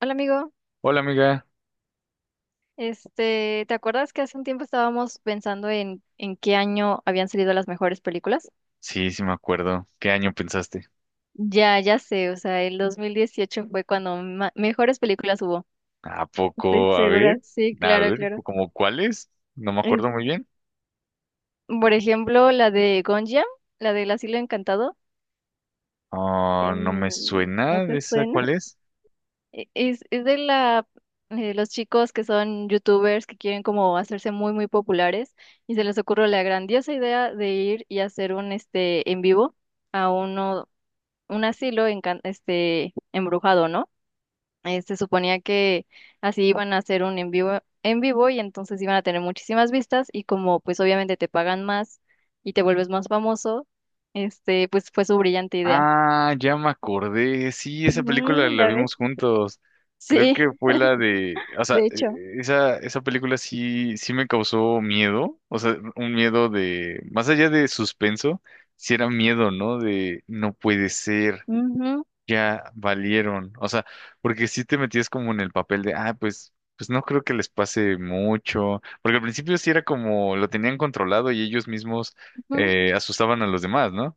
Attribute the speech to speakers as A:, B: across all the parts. A: Hola amigo,
B: Hola amiga,
A: ¿te acuerdas que hace un tiempo estábamos pensando en qué año habían salido las mejores películas?
B: sí, sí me acuerdo. ¿Qué año pensaste?
A: Ya, ya sé, o sea, el 2018 fue cuando mejores películas hubo.
B: ¿A
A: Estoy
B: poco?
A: segura, sí,
B: A
A: claro,
B: ver,
A: claro.
B: ¿como cuál es? No me
A: Es-
B: acuerdo muy bien.
A: por ejemplo, la de Gonja, la del Asilo Encantado.
B: Oh, no me
A: ¿No
B: suena de
A: te
B: esa
A: suena?
B: cuál es.
A: Es los chicos que son youtubers que quieren como hacerse muy, muy populares y se les ocurre la grandiosa idea de ir y hacer un en vivo a uno, un asilo embrujado, ¿no? Se suponía que así iban a hacer un en vivo y entonces iban a tener muchísimas vistas y como pues obviamente te pagan más y te vuelves más famoso. Pues fue su brillante idea.
B: Ah, ya me acordé. Sí, esa película
A: Mm,
B: la
A: ya ves.
B: vimos juntos. Creo
A: Sí,
B: que fue la de, o sea,
A: de hecho.
B: esa película sí, sí me causó miedo, o sea, un miedo de más allá de suspenso, sí era miedo, ¿no? De no puede ser.
A: Ujú,
B: Ya valieron. O sea, porque si te metías como en el papel de, ah, pues, pues no creo que les pase mucho. Porque al principio sí era como lo tenían controlado y ellos mismos
A: ujú.
B: asustaban a los demás, ¿no?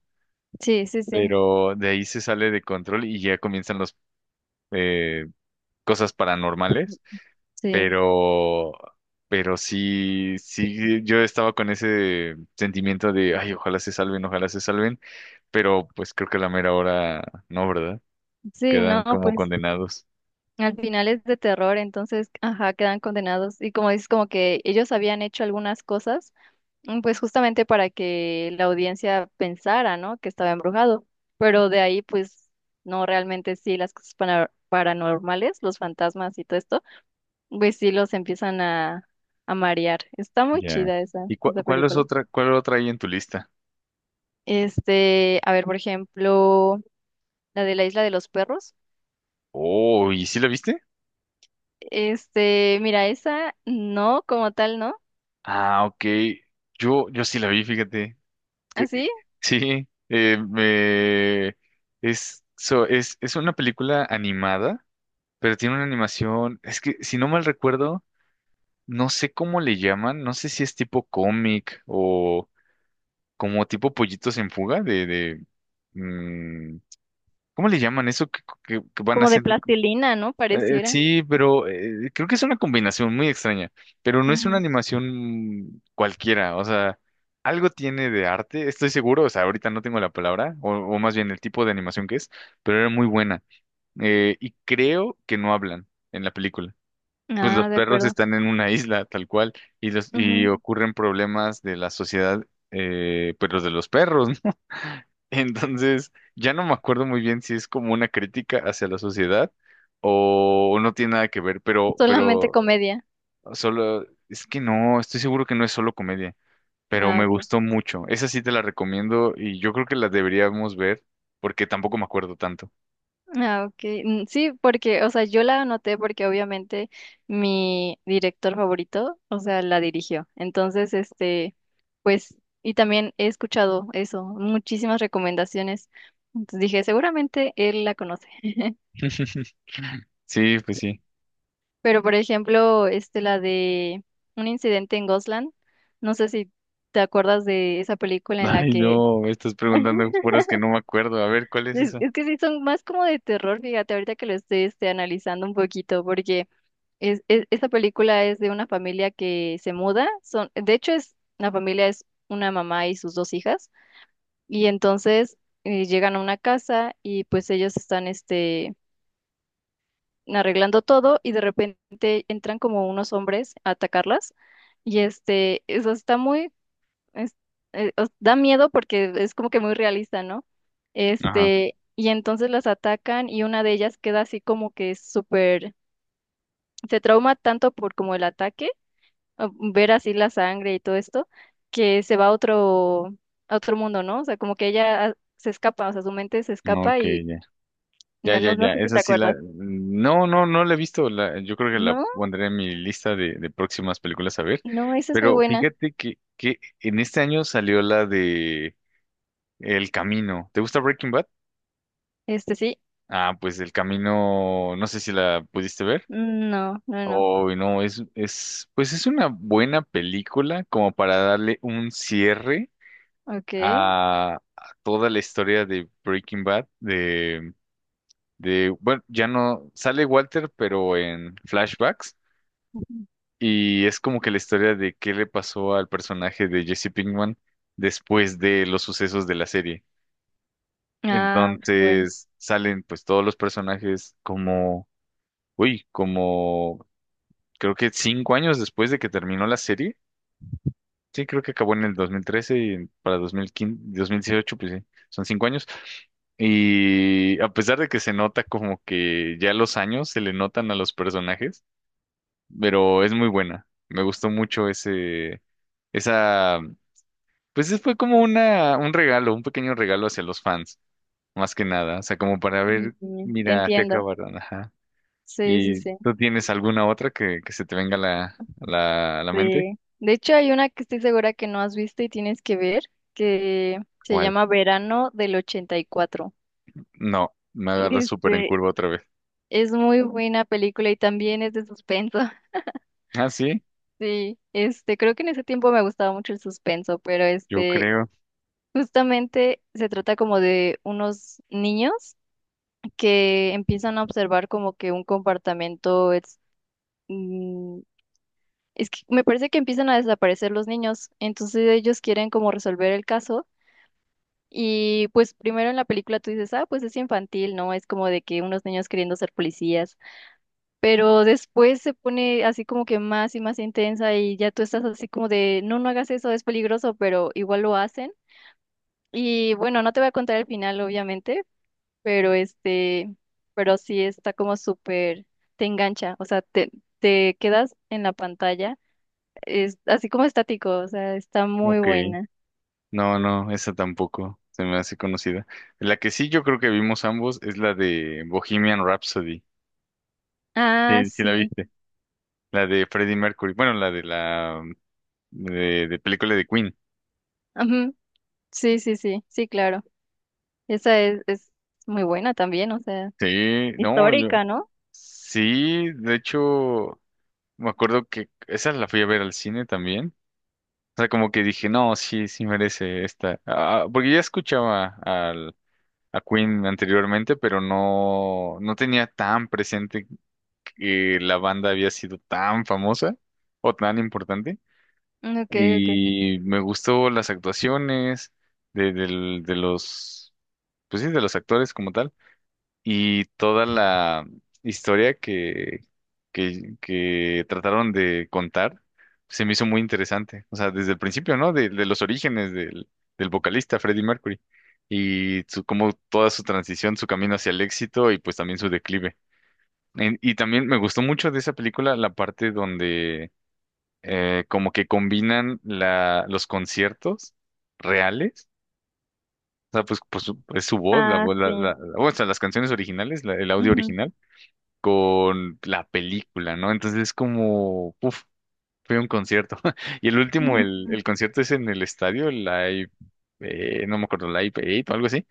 A: Sí, sí, sí,
B: Pero de ahí se sale de control y ya comienzan las cosas paranormales.
A: sí,
B: Pero, pero sí, sí, yo estaba con ese sentimiento de, ay, ojalá se salven, ojalá se salven. Pero pues creo que a la mera hora no, ¿verdad?
A: sí,
B: Quedan
A: no,
B: como
A: pues
B: condenados.
A: al final es de terror, entonces, ajá, quedan condenados y como dices, como que ellos habían hecho algunas cosas, pues justamente para que la audiencia pensara, ¿no? Que estaba embrujado. Pero de ahí, pues, no, realmente sí, las cosas paranormales, los fantasmas y todo esto, pues sí los empiezan a marear. Está muy
B: Ya.
A: chida esa,
B: ¿Y cuál,
A: esa
B: cuál es
A: película.
B: otra, cuál otra hay en tu lista?
A: A ver, por ejemplo, la de la isla de los perros.
B: Oh, ¿y sí la viste?
A: Mira, esa no, como tal, ¿no?
B: Ah, ok. Yo sí la vi, fíjate. Que-
A: Así,
B: sí, me es una película animada, pero tiene una animación. Es que si no mal recuerdo, no sé cómo le llaman, no sé si es tipo cómic o como tipo pollitos en fuga de, mm, ¿cómo le llaman eso que, que van
A: como de
B: haciendo?
A: plastilina, ¿no? Pareciera.
B: Sí, pero creo que es una combinación muy extraña, pero no es una
A: Ujú.
B: animación cualquiera, o sea, algo tiene de arte, estoy seguro, o sea, ahorita no tengo la palabra, o más bien el tipo de animación que es, pero era muy buena. Y creo que no hablan en la película. Pues
A: Ah,
B: los
A: de
B: perros
A: acuerdo.
B: están en una isla, tal cual, y los, y
A: Ujú.
B: ocurren problemas de la sociedad, pero de los perros, ¿no? Entonces, ya no me acuerdo muy bien si es como una crítica hacia la sociedad o no tiene nada que ver,
A: Solamente
B: pero
A: comedia.
B: solo, es que no, estoy seguro que no es solo comedia, pero
A: Ah,
B: me
A: ok.
B: gustó mucho. Esa sí te la recomiendo y yo creo que la deberíamos ver porque tampoco me acuerdo tanto.
A: Ah, ok. Mm, sí, porque, o sea, yo la anoté porque obviamente mi director favorito, o sea, la dirigió. Entonces, pues, y también he escuchado eso, muchísimas recomendaciones. Entonces dije, seguramente él la conoce.
B: Sí, pues sí.
A: Pero por ejemplo, la de un incidente en Gosland, no sé si te acuerdas de esa película en la
B: Ay,
A: que
B: no, me estás preguntando puras que no me acuerdo. A ver, ¿cuál es esa?
A: es que sí son más como de terror, fíjate, ahorita que lo estoy analizando un poquito, porque esa película es de una familia que se muda, de hecho la familia es una mamá y sus dos hijas, y entonces llegan a una casa y pues ellos están arreglando todo y de repente entran como unos hombres a atacarlas y eso está es- da miedo porque es como que muy realista, ¿no?
B: Ajá,
A: Y entonces las atacan y una de ellas queda así como que súper, se trauma tanto por como el ataque, o ver así la sangre y todo esto, que se va a otro mundo, ¿no? O sea, como que ella se escapa, o sea, su mente se escapa
B: ok,
A: y
B: ya. Ya,
A: no,
B: ya,
A: no
B: ya.
A: sé si te
B: Esa sí la.
A: acuerdas.
B: No, no, no la he visto. La... Yo creo que la
A: No,
B: pondré en mi lista de próximas películas a ver.
A: no, esa es muy
B: Pero
A: buena.
B: fíjate que en este año salió la de El Camino. ¿Te gusta Breaking Bad?
A: Sí,
B: Ah, pues El Camino, no sé si la pudiste ver.
A: No, no, no.
B: Oh, no, es, pues es una buena película como para darle un cierre
A: Okay.
B: a toda la historia de Breaking Bad, de, bueno, ya no sale Walter, pero en flashbacks,
A: Ujú.
B: y es como que la historia de qué le pasó al personaje de Jesse Pinkman después de los sucesos de la serie.
A: Ah, bueno.
B: Entonces salen pues todos los personajes como, uy, como creo que 5 años después de que terminó la serie. Sí, creo que acabó en el 2013 y para 2015, 2018 pues sí, son 5 años. Y a pesar de que se nota como que ya los años se le notan a los personajes, pero es muy buena. Me gustó mucho ese, esa, pues fue como una, un regalo, un pequeño regalo hacia los fans, más que nada, o sea, como para
A: Mm,
B: ver,
A: mm,
B: mira, así
A: entiendo.
B: acabaron, ajá.
A: Sí, sí,
B: ¿Y
A: sí.
B: tú tienes alguna otra que se te venga a la, a la, a la mente?
A: Sí. De hecho, hay una que estoy segura que no has visto y tienes que ver, que se
B: ¿Cuál?
A: llama Verano del 84.
B: No, me agarras súper en
A: Este,
B: curva otra vez.
A: es muy buena película y también es de suspenso.
B: Ah, sí,
A: Sí, creo que en ese tiempo me gustaba mucho el suspenso, pero
B: yo creo,
A: justamente se trata como de unos niños que empiezan a observar como que un comportamiento. mm, es que me parece que empiezan a desaparecer los niños, entonces ellos quieren como resolver el caso y pues primero en la película tú dices, ah, pues es infantil, ¿no? Es como de que unos niños queriendo ser policías, pero después se pone así como que más y más intensa y ya tú estás así como de, no, no hagas eso, es peligroso, pero igual lo hacen. Y bueno, no te voy a contar el final, obviamente, pero pero sí está como súper, te engancha, o sea, te quedas en la pantalla. Es así como estático, o sea, está muy
B: ok.
A: buena.
B: No, no, esa tampoco se me hace conocida. La que sí yo creo que vimos ambos es la de Bohemian Rhapsody.
A: Ah,
B: Sí, sí la
A: sí.
B: viste. La de Freddie Mercury. Bueno, la de película de Queen.
A: Ujú. Sí, sí, sí, sí, claro. Esa es muy buena también, o sea,
B: Sí, no, yo
A: histórica, ¿no?
B: sí, de hecho, me acuerdo que esa la fui a ver al cine también. O sea, como que dije, no, sí, sí merece esta. Ah, porque ya escuchaba al, a Queen anteriormente, pero no, no tenía tan presente que la banda había sido tan famosa o tan importante.
A: Mm, ok, ok.
B: Y me gustó las actuaciones de, de los pues sí, de los actores como tal, y toda la historia que trataron de contar se me hizo muy interesante. O sea, desde el principio, ¿no? De los orígenes del, del vocalista Freddie Mercury y su, como toda su transición, su camino hacia el éxito y pues también su declive. Y también me gustó mucho de esa película la parte donde como que combinan la, los conciertos reales, o sea, pues, pues es su
A: Ah,
B: voz, la,
A: sí.
B: o sea, las canciones originales, el audio
A: Ujú,
B: original, con la película, ¿no? Entonces es como, uff, fue un concierto. Y el último,
A: ujú, ujú.
B: el concierto es en el estadio, el Live, no me acuerdo, Live 8 o algo así.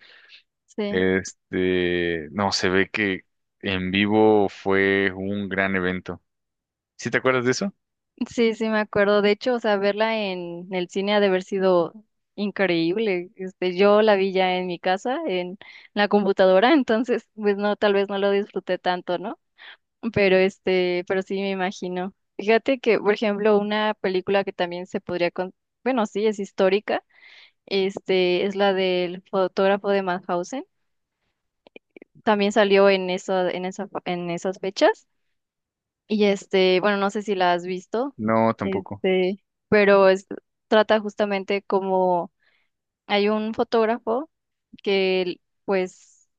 A: Sí,
B: Este, no, se ve que en vivo fue un gran evento. ¿Sí te acuerdas de eso?
A: sí, sí, me acuerdo. De hecho, o sea, verla en el cine ha de haber sido increíble. Yo la vi ya en mi casa, en la computadora, entonces, pues no, tal vez no lo disfruté tanto, ¿no? Pero pero sí me imagino. Fíjate que, por ejemplo, una película que también se podría bueno, sí, es histórica, es la del fotógrafo de Mauthausen. También salió en eso, en en esas fechas. Y bueno, no sé si la has visto,
B: No, tampoco.
A: este, pero trata justamente como hay un fotógrafo que, pues,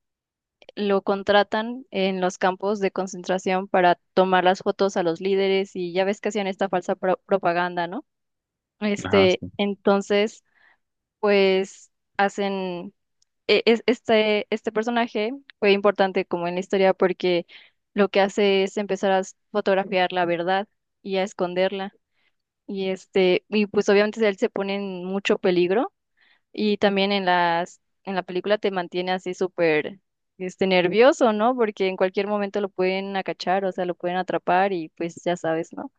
A: lo contratan en los campos de concentración para tomar las fotos a los líderes y ya ves que hacían esta falsa propaganda, ¿no?
B: Ajá,
A: Este,
B: sí.
A: entonces, pues hacen, e- es- este personaje fue importante como en la historia porque lo que hace es empezar a fotografiar la verdad y a esconderla. Y y pues obviamente él se pone en mucho peligro y también en en la película te mantiene así súper nervioso, ¿no? Porque en cualquier momento lo pueden acachar, o sea, lo pueden atrapar y pues ya sabes, ¿no?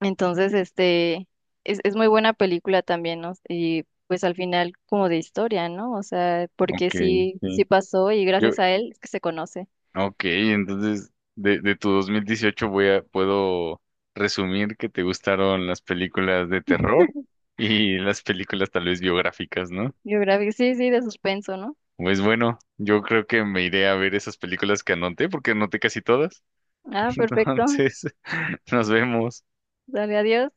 A: Entonces, es muy buena película también, ¿no? Y pues al final como de historia, ¿no? O sea, porque
B: Ok,
A: sí, sí
B: sí.
A: pasó y
B: Yo,
A: gracias a él es que se conoce.
B: ok, entonces de tu 2018 voy a, puedo resumir que te gustaron las películas de terror y las películas tal vez biográficas, ¿no?
A: Biográfico, sí, sí, de suspenso, ¿no?
B: Pues bueno, yo creo que me iré a ver esas películas que anoté, porque anoté casi todas.
A: Ah, perfecto.
B: Entonces, nos vemos.
A: Dale, adiós.